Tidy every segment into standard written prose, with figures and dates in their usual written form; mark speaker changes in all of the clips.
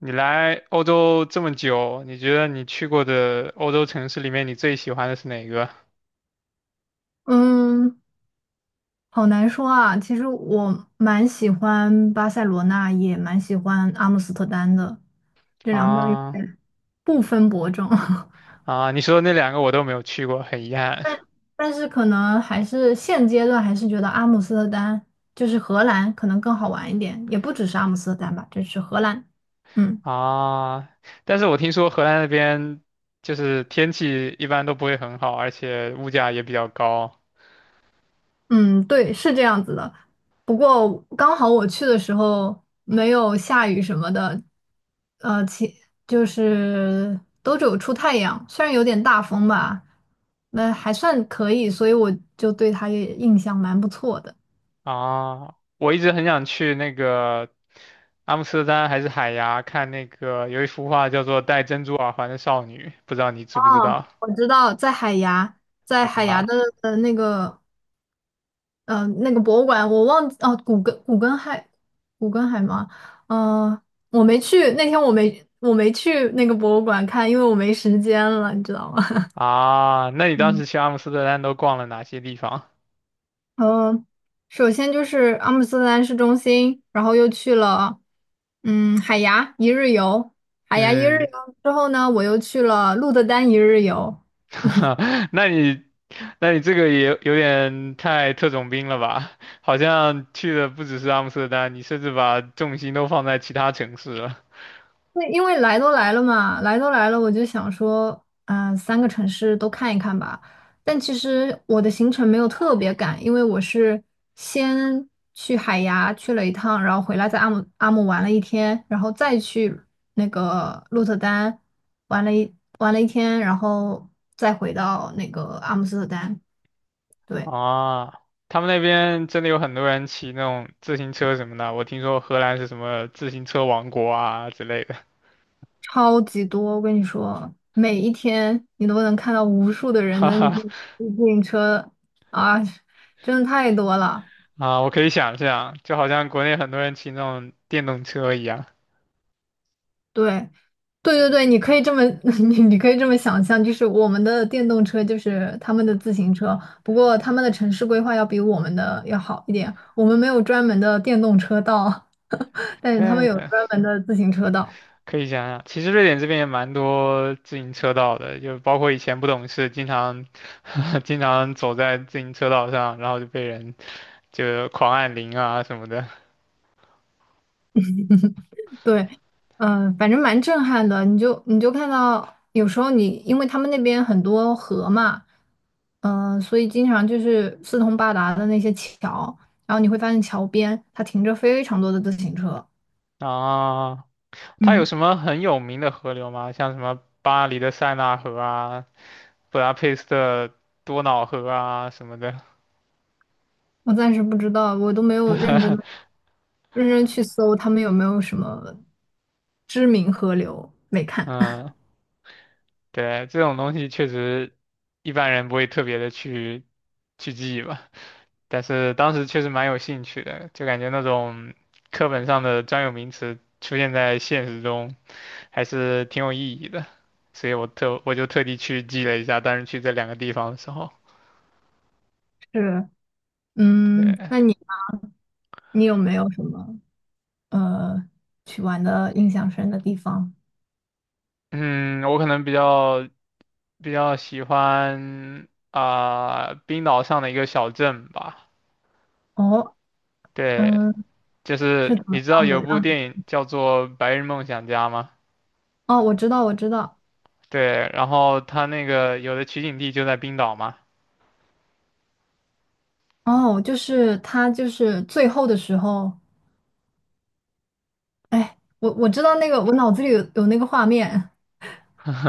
Speaker 1: 你来欧洲这么久，你觉得你去过的欧洲城市里面，你最喜欢的是哪个？
Speaker 2: 嗯，好难说啊。其实我蛮喜欢巴塞罗那，也蛮喜欢阿姆斯特丹的，这两个有
Speaker 1: 啊
Speaker 2: 点不分伯仲。
Speaker 1: 啊，你说的那两个我都没有去过，很遗憾
Speaker 2: 但但是可能还是现阶段还是觉得阿姆斯特丹就是荷兰可能更好玩一点，也不只是阿姆斯特丹吧，就是荷兰。嗯。
Speaker 1: 啊。但是我听说荷兰那边就是天气一般都不会很好，而且物价也比较高
Speaker 2: 嗯，对，是这样子的。不过刚好我去的时候没有下雨什么的，呃，其就是都只有出太阳，虽然有点大风吧，那还算可以，所以我就对它也印象蛮不错的。
Speaker 1: 啊。我一直很想去那个阿姆斯特丹还是海牙看那个有一幅画叫做《戴珍珠耳环的少女》，不知道你知
Speaker 2: 哦，
Speaker 1: 不知道
Speaker 2: 我知道在海牙，在海牙
Speaker 1: 啊？
Speaker 2: 的呃那个嗯，那个博物馆我忘记哦，古根海吗？嗯，我没去，那天我没去那个博物馆看，因为我没时间了，你知道吗？
Speaker 1: 啊，那你当
Speaker 2: 嗯，
Speaker 1: 时去阿姆斯特丹都逛了哪些地方？
Speaker 2: 呃，首先就是阿姆斯特丹市中心，然后又去了嗯海牙一日游，海牙一日
Speaker 1: 嗯，
Speaker 2: 游之后呢，我又去了鹿特丹一日游，
Speaker 1: 那你那你这个也有点太特种兵了吧？好像去的不只是阿姆斯特丹，你甚至把重心都放在其他城市了。
Speaker 2: 那因为来都来了嘛，来都来了，我就想说，嗯、三个城市都看一看吧。但其实我的行程没有特别赶，因为我是先去海牙去了一趟，然后回来在阿姆玩了一天，然后再去那个鹿特丹玩了一天，然后再回到那个阿姆斯特丹。对。
Speaker 1: 啊，他们那边真的有很多人骑那种自行车什么的，我听说荷兰是什么自行车王国啊之类的。
Speaker 2: 超级多，我跟你说，每一天你都能看到无数的 人
Speaker 1: 哈
Speaker 2: 的自
Speaker 1: 哈，
Speaker 2: 行车啊，真的太多了。
Speaker 1: 啊，我可以想象，就好像国内很多人骑那种电动车一样。
Speaker 2: 对，对对对，你可以这么，你可以这么想象，就是我们的电动车就是他们的自行车，不过他们的城市规划要比我们的要好一点，我们没有专门的电动车道，但是他们
Speaker 1: 对，
Speaker 2: 有专门的自行车道。
Speaker 1: 可以想想，其实瑞典这边也蛮多自行车道的，就包括以前不懂事，经常 经常走在自行车道上，然后就被人就狂按铃啊什么的。
Speaker 2: 对，嗯、反正蛮震撼的。你就看到，有时候你因为他们那边很多河嘛，嗯、所以经常就是四通八达的那些桥，然后你会发现桥边它停着非常多的自行车。
Speaker 1: 啊，它有
Speaker 2: 嗯，
Speaker 1: 什么很有名的河流吗？像什么巴黎的塞纳河啊、布达佩斯的多瑙河啊什么的。
Speaker 2: 我暂时不知道，我都没有认真认真去搜他们有没有什么知名河流，没看。
Speaker 1: 嗯，对，这种东西确实一般人不会特别的去去记吧，但是当时确实蛮有兴趣的，就感觉那种课本上的专有名词出现在现实中还是挺有意义的，所以我就特地去记了一下，当时去这两个地方的时候，
Speaker 2: 是，嗯，
Speaker 1: 对，
Speaker 2: 那你你有没有什么呃去玩的印象深的地方？
Speaker 1: 嗯，我可能比较喜欢啊、冰岛上的一个小镇吧，
Speaker 2: 哦。
Speaker 1: 对。
Speaker 2: 嗯。
Speaker 1: 就是
Speaker 2: 是怎么
Speaker 1: 你知道
Speaker 2: 样
Speaker 1: 有
Speaker 2: 的？
Speaker 1: 部
Speaker 2: 让你
Speaker 1: 电影叫做《白日梦想家》吗？
Speaker 2: 哦，我知道，我知道。
Speaker 1: 对，然后他那个有的取景地就在冰岛嘛。
Speaker 2: 哦，就是他，就是最后的时候，哎，我我知道那个，我脑子里有那个画面，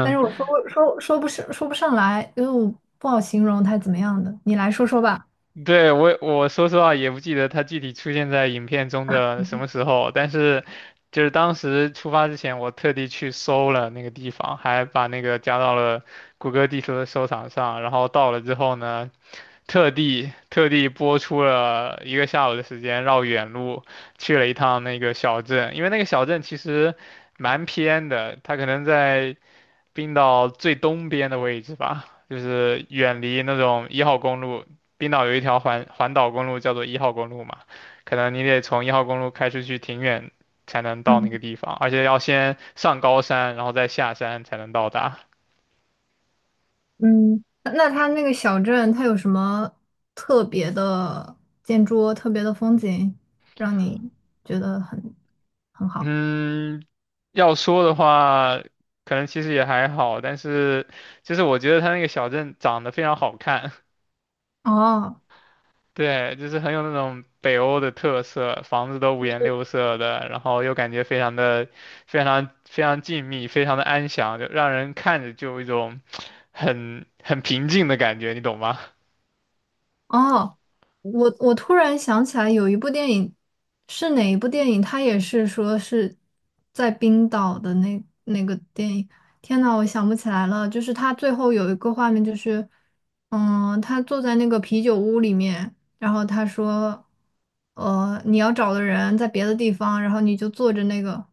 Speaker 2: 但是我 说不上来，因为我不好形容他怎么样的。你来说说吧。
Speaker 1: 对，我说实话也不记得他具体出现在影片中的什么时候，但是就是当时出发之前，我特地去搜了那个地方，还把那个加到了谷歌地图的收藏上，然后到了之后呢，特地播出了一个下午的时间，绕远路去了一趟那个小镇，因为那个小镇其实蛮偏的，它可能在。冰岛最东边的位置吧，就是远离那种一号公路。冰岛有一条环岛公路叫做一号公路嘛，可能你得从一号公路开出去挺远才能到那
Speaker 2: 嗯
Speaker 1: 个地方，而且要先上高山，然后再下山才能到达。
Speaker 2: 嗯，那他那个小镇，它有什么特别的建筑、特别的风景，让你觉得很很好？
Speaker 1: 嗯，要说的话，可能其实也还好，但是就是我觉得它那个小镇长得非常好看，
Speaker 2: 哦，
Speaker 1: 对，就是很有那种北欧的特色，房子都五颜六色的，然后又感觉非常的、非常、非常静谧，非常的安详，就让人看着就有一种很平静的感觉，你懂吗？
Speaker 2: 哦，我我突然想起来有一部电影，是哪一部电影？它也是说是在冰岛的那个电影。天呐，我想不起来了。就是他最后有一个画面，就是嗯，他坐在那个啤酒屋里面，然后他说，你要找的人在别的地方，然后你就坐着那个，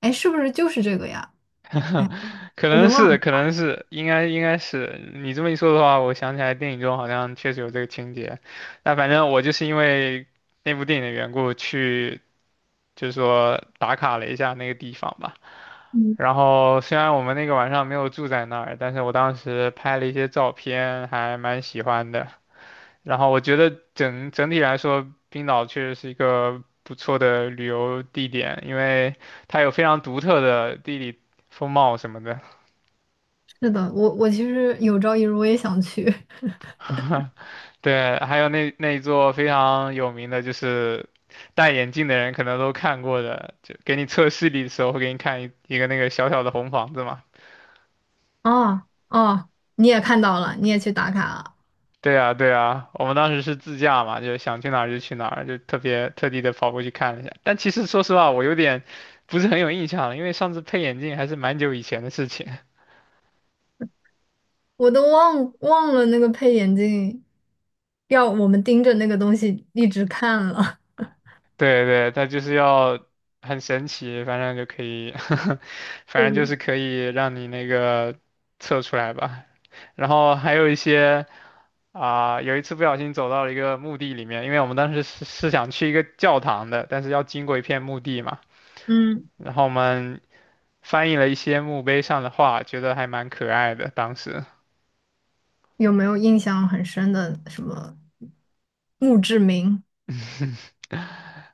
Speaker 2: 哎，是不是就是这个呀？哎，
Speaker 1: 可
Speaker 2: 我已
Speaker 1: 能
Speaker 2: 经忘
Speaker 1: 是，
Speaker 2: 了。
Speaker 1: 可能是，应该是。你这么一说的话，我想起来电影中好像确实有这个情节。那反正我就是因为那部电影的缘故去。就是说打卡了一下那个地方吧。
Speaker 2: 嗯，
Speaker 1: 然后虽然我们那个晚上没有住在那儿，但是我当时拍了一些照片，还蛮喜欢的。然后我觉得整体来说，冰岛确实是一个不错的旅游地点，因为它有非常独特的地理风貌什么的。
Speaker 2: 是的，我我其实有朝一日我也想去。
Speaker 1: 对，还有那一座非常有名的，就是戴眼镜的人可能都看过的，就给你测视力的时候会给你看一个那个小小的红房子嘛，
Speaker 2: 哦哦，你也看到了，你也去打卡了，
Speaker 1: 对呀，对呀，我们当时是自驾嘛，就想去哪儿就去哪儿，就特别特地的跑过去看了一下。但其实说实话，我有点不是很有印象了，因为上次配眼镜还是蛮久以前的事情。
Speaker 2: 我都忘了那个配眼镜，要我们盯着那个东西一直看了。
Speaker 1: 对对，它就是要很神奇，反正就可以，反正就是
Speaker 2: 嗯
Speaker 1: 可以让你那个测出来吧。然后还有一些啊、有一次不小心走到了一个墓地里面，因为我们当时是想去一个教堂的，但是要经过一片墓地嘛。
Speaker 2: 嗯，
Speaker 1: 然后我们翻译了一些墓碑上的话，觉得还蛮可爱的。当时
Speaker 2: 有没有印象很深的什么墓志铭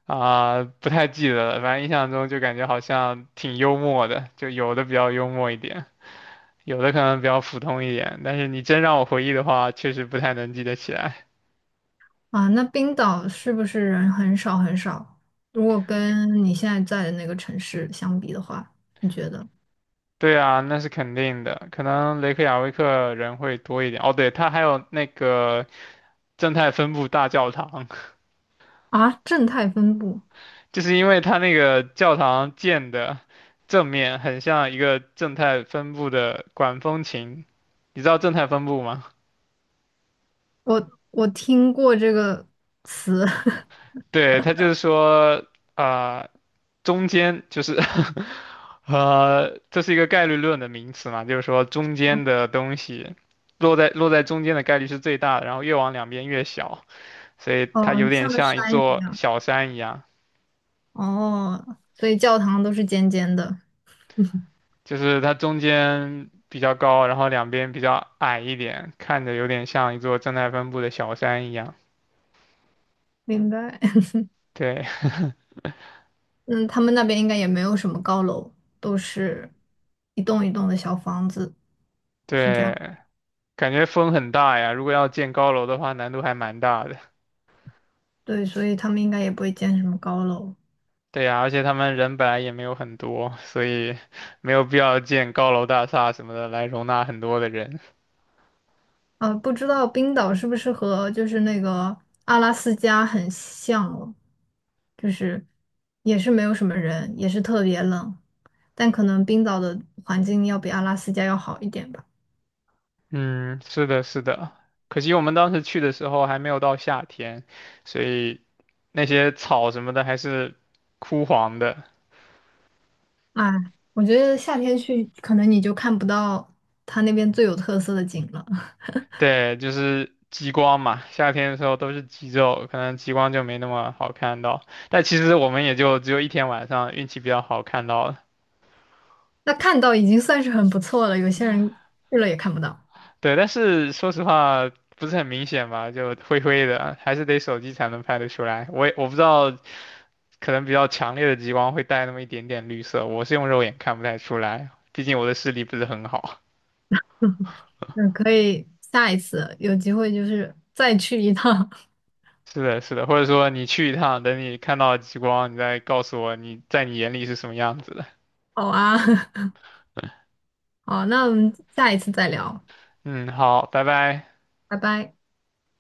Speaker 1: 啊、不太记得了，反正印象中就感觉好像挺幽默的，就有的比较幽默一点，有的可能比较普通一点。但是你真让我回忆的话，确实不太能记得起来。
Speaker 2: 啊？那冰岛是不是人很少很少？如果跟你现在在的那个城市相比的话，你觉得
Speaker 1: 对啊，那是肯定的，可能雷克雅未克人会多一点。哦，对，他还有那个正态分布大教堂，
Speaker 2: 啊，正态分布，
Speaker 1: 就是因为它那个教堂建的正面很像一个正态分布的管风琴，你知道正态分布吗？
Speaker 2: 我我听过这个词，
Speaker 1: 对，它就是说，啊、中间就是 这是一个概率论的名词嘛，就是说中间的东西落在中间的概率是最大的，然后越往两边越小，所以它有
Speaker 2: 嗯，
Speaker 1: 点
Speaker 2: 像个
Speaker 1: 像一
Speaker 2: 山一
Speaker 1: 座
Speaker 2: 样。
Speaker 1: 小山一样。
Speaker 2: 哦，所以教堂都是尖尖的，
Speaker 1: 就是它中间比较高，然后两边比较矮一点，看着有点像一座正态分布的小山一样。
Speaker 2: 明白。
Speaker 1: 对
Speaker 2: 嗯，他们那边应该也没有什么高楼，都是一栋一栋的小房子，是这样。
Speaker 1: 对，感觉风很大呀。如果要建高楼的话，难度还蛮大的。
Speaker 2: 对，所以他们应该也不会建什么高楼。
Speaker 1: 对呀，而且他们人本来也没有很多，所以没有必要建高楼大厦什么的来容纳很多的人。
Speaker 2: 不知道冰岛是不是和就是那个阿拉斯加很像哦，就是也是没有什么人，也是特别冷，但可能冰岛的环境要比阿拉斯加要好一点吧。
Speaker 1: 嗯，是的，是的。可惜我们当时去的时候还没有到夏天，所以那些草什么的还是枯黄的。
Speaker 2: 啊，我觉得夏天去，可能你就看不到它那边最有特色的景了。
Speaker 1: 对，就是极光嘛，夏天的时候都是极昼，可能极光就没那么好看到。但其实我们也就只有一天晚上运气比较好看到了。
Speaker 2: 那看到已经算是很不错了，有些人去了也看不到。
Speaker 1: 对，但是说实话不是很明显吧，就灰灰的，还是得手机才能拍得出来。我不知道，可能比较强烈的极光会带那么一点点绿色，我是用肉眼看不太出来，毕竟我的视力不是很好。
Speaker 2: 嗯，可以下一次有机会就是再去一趟。
Speaker 1: 是的，是的，或者说你去一趟，等你看到极光，你再告诉我你在你眼里是什么样子的。
Speaker 2: 好啊，好，那我们下一次再聊，
Speaker 1: 嗯，好，拜拜。
Speaker 2: 拜拜。